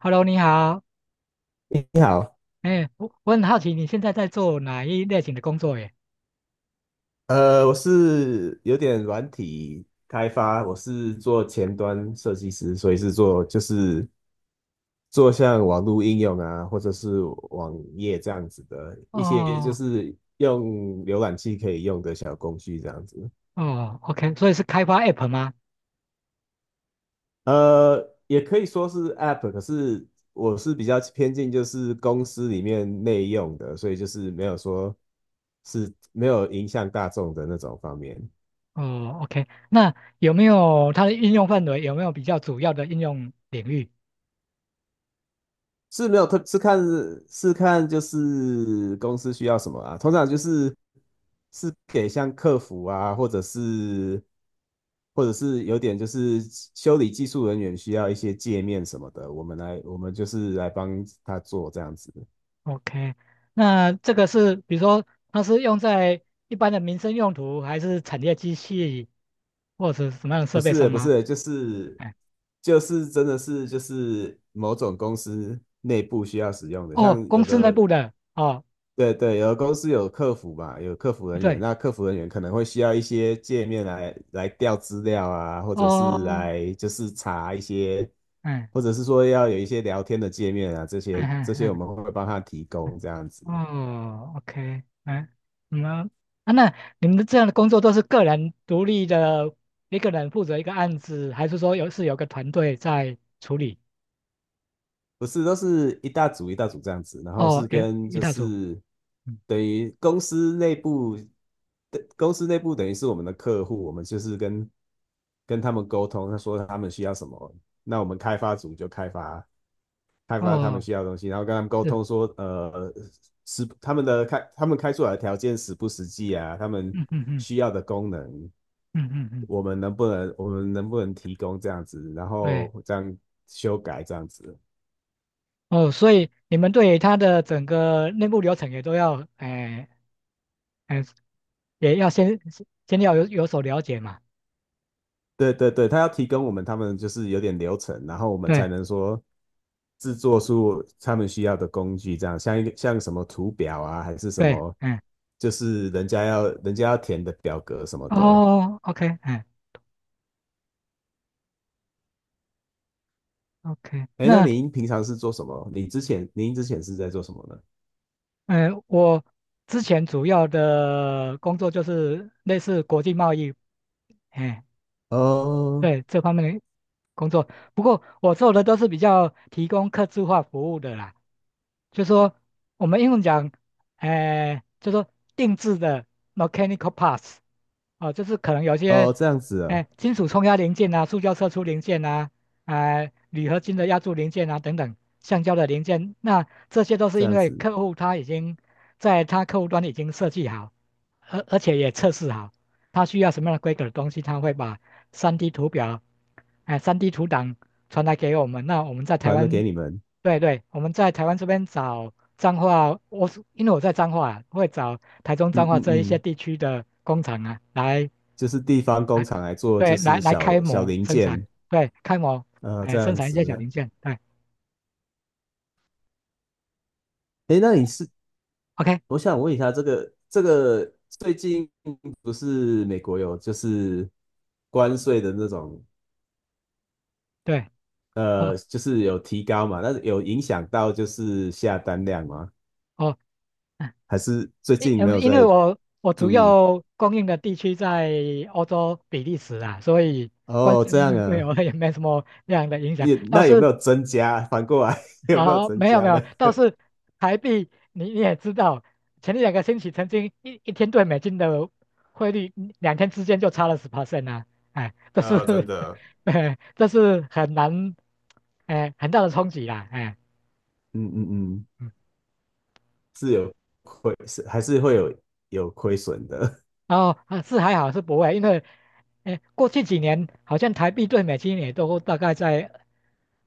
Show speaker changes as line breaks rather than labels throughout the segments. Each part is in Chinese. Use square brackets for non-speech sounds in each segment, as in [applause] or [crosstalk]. Hello，你好。
你好。
哎，我很好奇你现在在做哪一类型的工作耶？
我是有点软体开发，我是做前端设计师，所以是做像网络应用啊，或者是网页这样子的一些就
哦
是用浏览器可以用的小工具这样子。
哦，OK，所以是开发 App 吗？
也可以说是 App,可是我是比较偏近就是公司里面内用的，所以就是没有说是没有影响大众的那种方面。
哦，OK，那有没有它的应用范围？有没有比较主要的应用领域
是没有特是看就是公司需要什么啊，通常就是是给像客服啊，或者是有点就是修理技术人员需要一些界面什么的，我们就是来帮他做这样子。
？OK，那这个是比如说它是用在一般的民生用途，还是产业机器，或者是什么样的
不
设备
是
上
不
吗？
是就是
哎，
真的是就是某种公司内部需要使用的，
哦，
像
公
有
司内
的。
部的。哦，
对对，有的公司有客服吧，有客服人员，
对，
那客服人员可能会需要一些界面来调资料啊，或者是
哦，
来就是查一些，
嗯
或者是说要有一些聊天的界面啊，
嗯
这
嗯
些我
嗯。
们会帮他提供这样子。
哦，OK，哎，你们啊那你们的这样的工作都是个人独立的，一个人负责一个案子，还是说有是有个团队在处理？
不是，都是一大组一大组这样子，然后
哦，
是
也
跟
一
就
大组，
是
嗯，
等于公司内部等于是我们的客户，我们就是跟他们沟通，他说他们需要什么，那我们开发组就开发。开发他们
哦，
需要的东西，然后跟他们沟
是，
通说，是他们的开他们开出来的条件实不实际啊？他们
嗯嗯嗯
需要的功能，
嗯嗯嗯，
我们能不能提供这样子？然
对，
后这样修改这样子。
哦，所以你们对他的整个内部流程也都要，哎哎，也要先要有所了解嘛，
对对对，他要提供我们，他们就是有点流程，然后我们
对
才能说制作出他们需要的工具，这样像一个像什么图表啊，还是什
对，
么，
嗯，
就是人家要填的表格什么的。
哦，OK，嗯。OK，
哎，那
那
您平常是做什么？你之前您之前是在做什么呢？
嗯，我之前主要的工作就是类似国际贸易，哎，
哦
对这方面的工作。不过我做的都是比较提供客制化服务的啦，就说我们英文讲，哎、就说定制的 mechanical parts，哦，就是可能有些，
哦，这样子啊。
哎、金属冲压零件啊，塑胶射出零件啊，哎、铝合金的压铸零件啊，等等，橡胶的零件，那这些都是
这
因
样
为
子，
客户他已经在他客户端已经设计好，而且也测试好，他需要什么样的规格的东西，他会把 3D 图表，哎、3D 图档传来给我们，那我们在台
传了给
湾，
你们。
对对，我们在台湾这边找彰化，我是因为我在彰化，啊，会找台中彰
嗯
化
嗯
这一些
嗯，
地区的工厂啊，来
就是地方工
来
厂来做，就是
开
小小
模
零
生产，
件
对，开模，
啊。
哎，
这
生
样
产一些
子
小
啊。
零件，对
哎，那你是，
，OK，
我想问一下，这个最近不是美国有就是关税的那种，
对，哦
就是有提高嘛？那有影响到就是下单量吗？
哦，嗯，
还是最近没
因
有
因为
在
我主
注意？
要供应的地区在欧洲比利时啊，所以关
哦，
税
这
方
样
面对我
啊。
也没什么那样的影响，
也
倒
那有没
是
有增加？反过来 [laughs] 有没有
好，
增
没有没
加
有，
呢？
倒
[laughs]
是台币你也知道，前两个星期曾经一天对美金的汇率，嗯两天之间就差了十 percent 啊，哎，这是，
啊，真的。
[laughs] 哎，这是很难，哎，很大的冲击啦，哎，
嗯嗯嗯，
嗯，
是有亏，是还是会有有亏损的。
然后啊是还好是不会，因为哎过去几年好像台币对美金也都大概在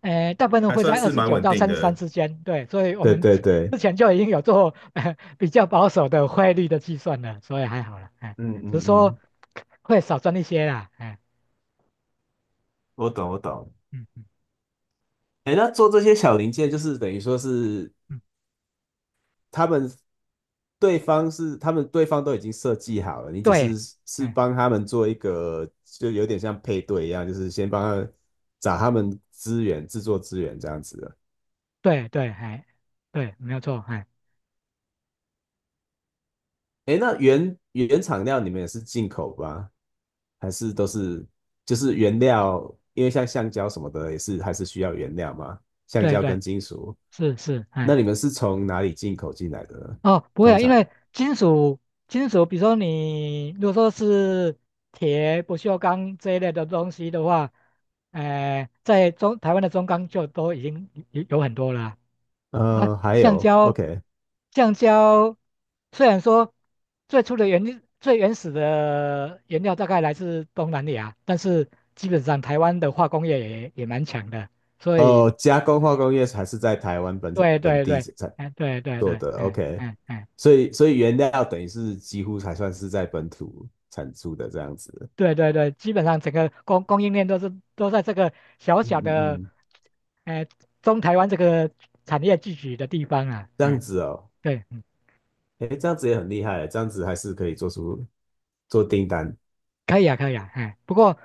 诶，大部
[laughs]
分
还
会
算
在二
是
十
蛮
九
稳
到
定
三十三
的。
之间，对，所以我
对
们
对对。
之前就已经有做比较保守的汇率的计算了，所以还好了，哎，
嗯
只
嗯
是说
嗯，
会少赚一些啦，哎，
我懂我懂。
嗯嗯
哎，那做这些小零件，就是等于说是
嗯，
他们，对方是他们对方都已经设计好了，你只
对，
是是
哎，
帮他们做一个，就有点像配对一样，就是先帮他们找他们资源，制作资源这样子的。
对对，哎，对，没有错，哎，
哎，那原原厂料你们也是进口吧？还是都是就是原料？因为像橡胶什么的也是还是需要原料嘛，橡
对
胶
对，
跟金属。
是是，
那
哎，
你们是从哪里进口进来的呢？
哦，不会
通
啊，因
常，
为金属，比如说你如果说是铁、不锈钢这一类的东西的话，在中台湾的中钢就都已经有很多了啊啊，
呃，还
橡
有
胶，
，OK。
橡胶虽然说最原始的原料大概来自东南亚，但是基本上台湾的化工业也蛮强的，所以
哦，加工
嗯
化工业还是在台湾本
对
本
对
地
对，
才
哎对对
做
对，
的
嗯
，OK,
嗯嗯，
所以原料等于是几乎才算是在本土产出的这样子。
对对对，基本上整个供应链都是都在这个小
嗯
小
嗯
的，
嗯，
哎、中台湾这个产业聚集的地方啊，
这
嗯
样子哦。
对
哎，这样子也很厉害，这样子还是可以做出，做订单。
可以啊，可以啊，哎，不过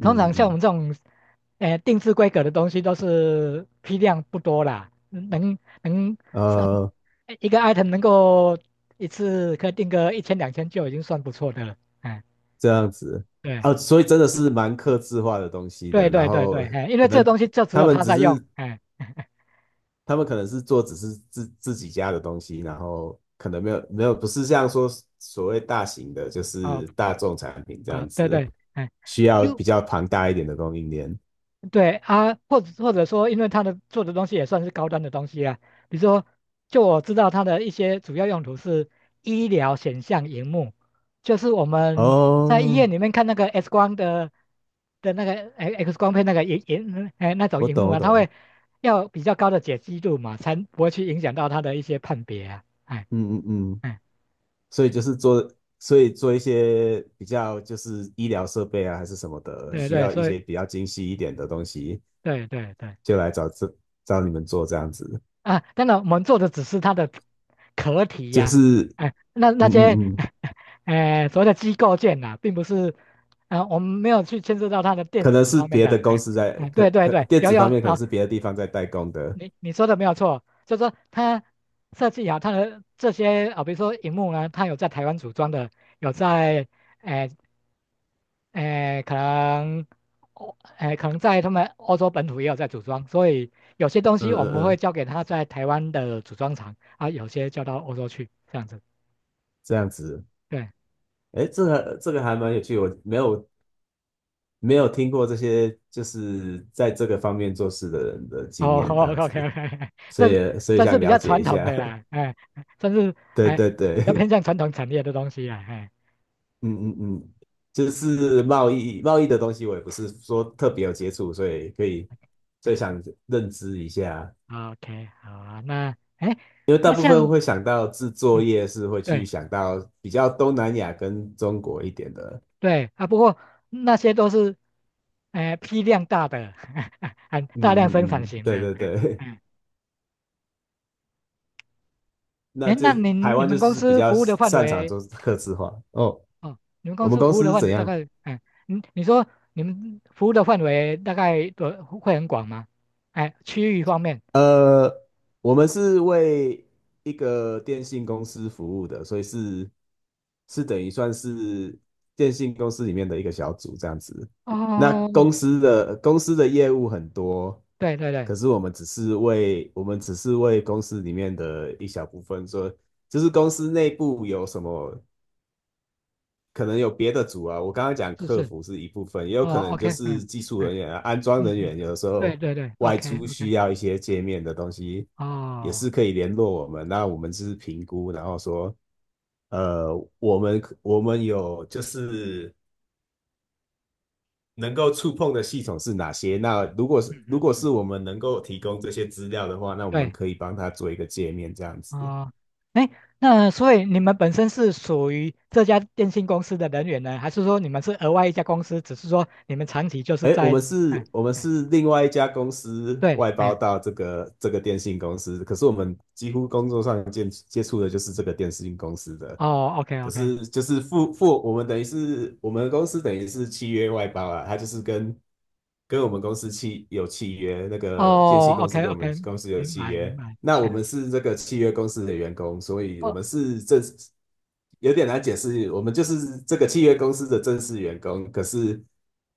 通常像我
嗯，
们这种，定制规格的东西都是批量不多啦，能算
呃，
一个 item 能够一次可以定个一千两千就已经算不错的了，哎，
这样子
对
啊，所以真的是蛮客制化的东西
对
的。然
对对
后
对，哎，因为
可
这个
能，
东西就只
他
有
们
他
只
在用，
是，
哎，[laughs]
他们可能是做只是自自己家的东西，然后可能没有不是像说所谓大型的，就
哦
是大众产品这
啊，
样
对
子，
对，哎，
需要
u
比较庞大一点的供应链。
对啊，或者说，因为它的做的东西也算是高端的东西啊，比如说，就我知道它的一些主要用途是医疗显像荧幕，就是我们在医
哦，
院里面看那个 X 光的那个哎 X 光片那个哎那种
我
荧
懂
幕
我
啊，它
懂。
会要比较高的解析度嘛，才不会去影响到它的一些判别啊，哎
嗯嗯嗯。
哎，
所以就是做，所以做一些比较就是医疗设备啊，还是什么的，
对
需
对，
要一
所以
些比较精细一点的东西，
对对对，
就
哎
来找找你们做这样子。
啊，当然我们做的只是它的壳体
就
呀、
是，
哎、那
嗯
那些，
嗯嗯，
[laughs] 哎、所谓的机构件呐、啊并不是，啊、我们没有去牵涉到它的电
可能
子
是
方面
别
的，
的公
哎、
司在，
哎、对对
可
对，
电
有
子
有
方面可能
啊，
是别的地方在代工的。
你说的没有错，就是说它设计好它的这些啊，比如说荧幕呢，它有在台湾组装的，有在，哎、诶，可能，哦，诶，可能在他们欧洲本土也有在组装，所以有些东西
嗯
我们
嗯
会
嗯，
交给他在台湾的组装厂啊，有些交到欧洲去，这样子。
这样子。
对，
哎，这个还蛮有趣，我没有，没有听过这些就是在这个方面做事的人的经
哦
验这
，OK
样
OK，
子，
[laughs]
所
这
以
这是
想
比
了
较
解
传
一
统
下。
的啦，
[laughs]
哎，算是
对
哎
对
比较偏
对。
向传统产业的东西啦，哎，
嗯嗯嗯，就是贸易的东西，我也不是说特别有接触，所以可以，所以
哎
想认知一下，
，OK，好啊，那哎，
因为大
那
部
像，
分会想到制作
嗯，
业是会去
对
想到比较东南亚跟中国一点的。
对啊，不过那些都是，哎，批量大的，[laughs] 很
嗯
大量生
嗯
产
嗯，
型的，
对对
哎。
对。
哎
[laughs] 那
哎，
就
那
台
你
湾就
们公
是比
司
较
服务的范
擅长
围，
做客制化哦。
哦，你们
我
公
们
司
公
服务的
司是
范
怎
围大
样？
概，哎，你说你们服务的范围大概多会很广吗？哎，区域方面，
呃，我们是为一个电信公司服务的，所以是是等于算是电信公司里面的一个小组这样子。那
哦，
公司的业务很多，
对对对，
可是我们只是为，我们只是为公司里面的一小部分说，就是公司内部有什么。可能有别的组啊，我刚刚讲
是
客
是，
服是一部分，也有可
哦
能就
，OK，
是
嗯
技术
嗯
人员啊，安装
嗯
人
嗯，
员，有的时
对
候
对对
外
，OK
出需
OK，
要一些界面的东西，也
哦，
是可以联络我们。那我们就是评估，然后说，呃，我们有就是能够触碰的系统是哪些？那
嗯
如
嗯
果
嗯，
是我们能够提供这些资料的话，那我们
对，
可以帮他做一个界面这样子。
哦，哎，那所以你们本身是属于这家电信公司的人员呢，还是说你们是额外一家公司，只是说你们长期就是
哎，我
在，
们
哎
是，我们
哎，
是另外一家公司
对，
外包
哎。
到这个电信公司，可是我们几乎工作上接，接触的就是这个电信公司的，
哦，OK
可
OK，
是就是付，我们等于是，我们公司等于是契约外包啊，他就是跟，跟我们公司契，有契约，那个电
哦
信公司
，OK
跟我们
OK，
公司有
明
契
白明
约，
白，
那我们
嗯，
是这个契约公司的员工，所以我
哦
们是正式，有点难解释。我们就是这个契约公司的正式员工，可是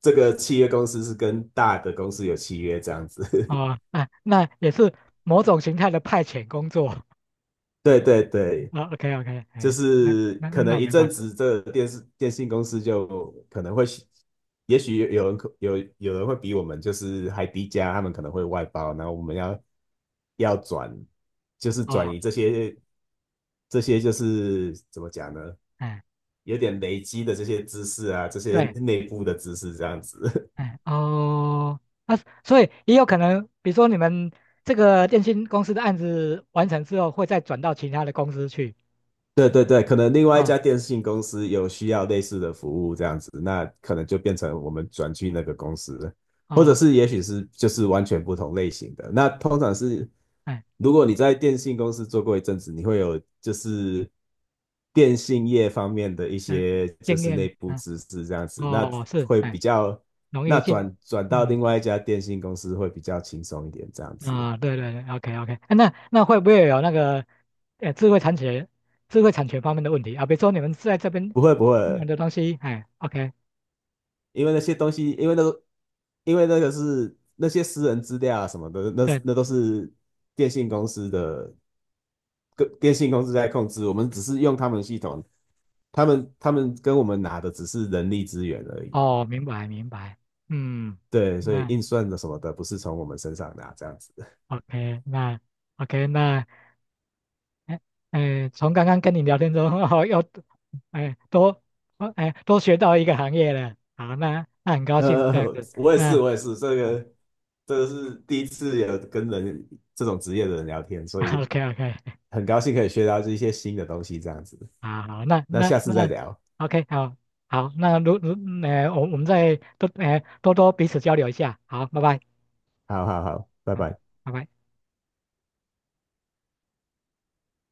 这个契约公司是跟大的公司有契约这样子。
哦，
[laughs]
那也是某种形态的派遣工作
对对对，
啊，OK OK，
就
哎，那
是
那
可
那
能
我
一
明
阵
白，
子，这个电视，电信公司就可能会，也许有，有人可有，会比我们就是还低价，他们可能会外包，然后我们要要转，就是转
哦，
移这些，这些就是怎么讲呢？
哎，
有点累积的这些知识啊，这些
对，
内部的知识这样子。[laughs]
哎，哦，那、所以也有可能，比如说你们这个电信公司的案子完成之后，会再转到其他的公司去，
对对对，可能另
啊、
外一家
哦，
电信公司有需要类似的服务这样子，那可能就变成我们转去那个公司，或者
哦，
是也许是就是完全不同类型的。那通常是，
哎，
如果你在电信公司做过一阵子，你会有就是电信业方面的一
嗯、
些就
经
是内
验，
部
嗯、
知识这样子，那
哦，是，
会
哎，
比较，
容易
那
进，
转到
嗯。
另外一家电信公司会比较轻松一点这样子。
啊，对对对，OK OK，那会不会有那个，呃，智慧产权、智慧产权方面的问题啊？比如说你们在这边
不会不
用
会，
的东西，哎，OK，
因为那些东西，因为那个，因为那个是那些私人资料啊什么的，那
对，
那都是电信公司的，跟电信公司在控制，我们只是用他们系统，他们，他们跟我们拿的只是人力资源而已。
哦，明白明白，嗯，
对，所以
那
运算的什么的不是从我们身上拿这样子。[laughs]
OK，那 OK，那，哎哎，从刚刚跟你聊天中，[laughs] 哦，又，哎，多，哦哎，多学到一个行业了，好，那那很高兴这样
呃，
子，
我也是
那，
我也是，
嗯
这个是第一次有跟人这种职业的人聊天，所以
，OK OK，[laughs]
很高兴可以学到这一些新的东西这样子。
啊，好，那
那
那
下次再
那
聊，
，OK，好，好，那，我们再多，多多彼此交流一下，好，拜拜，
好好好，拜
好，
拜。
拜拜。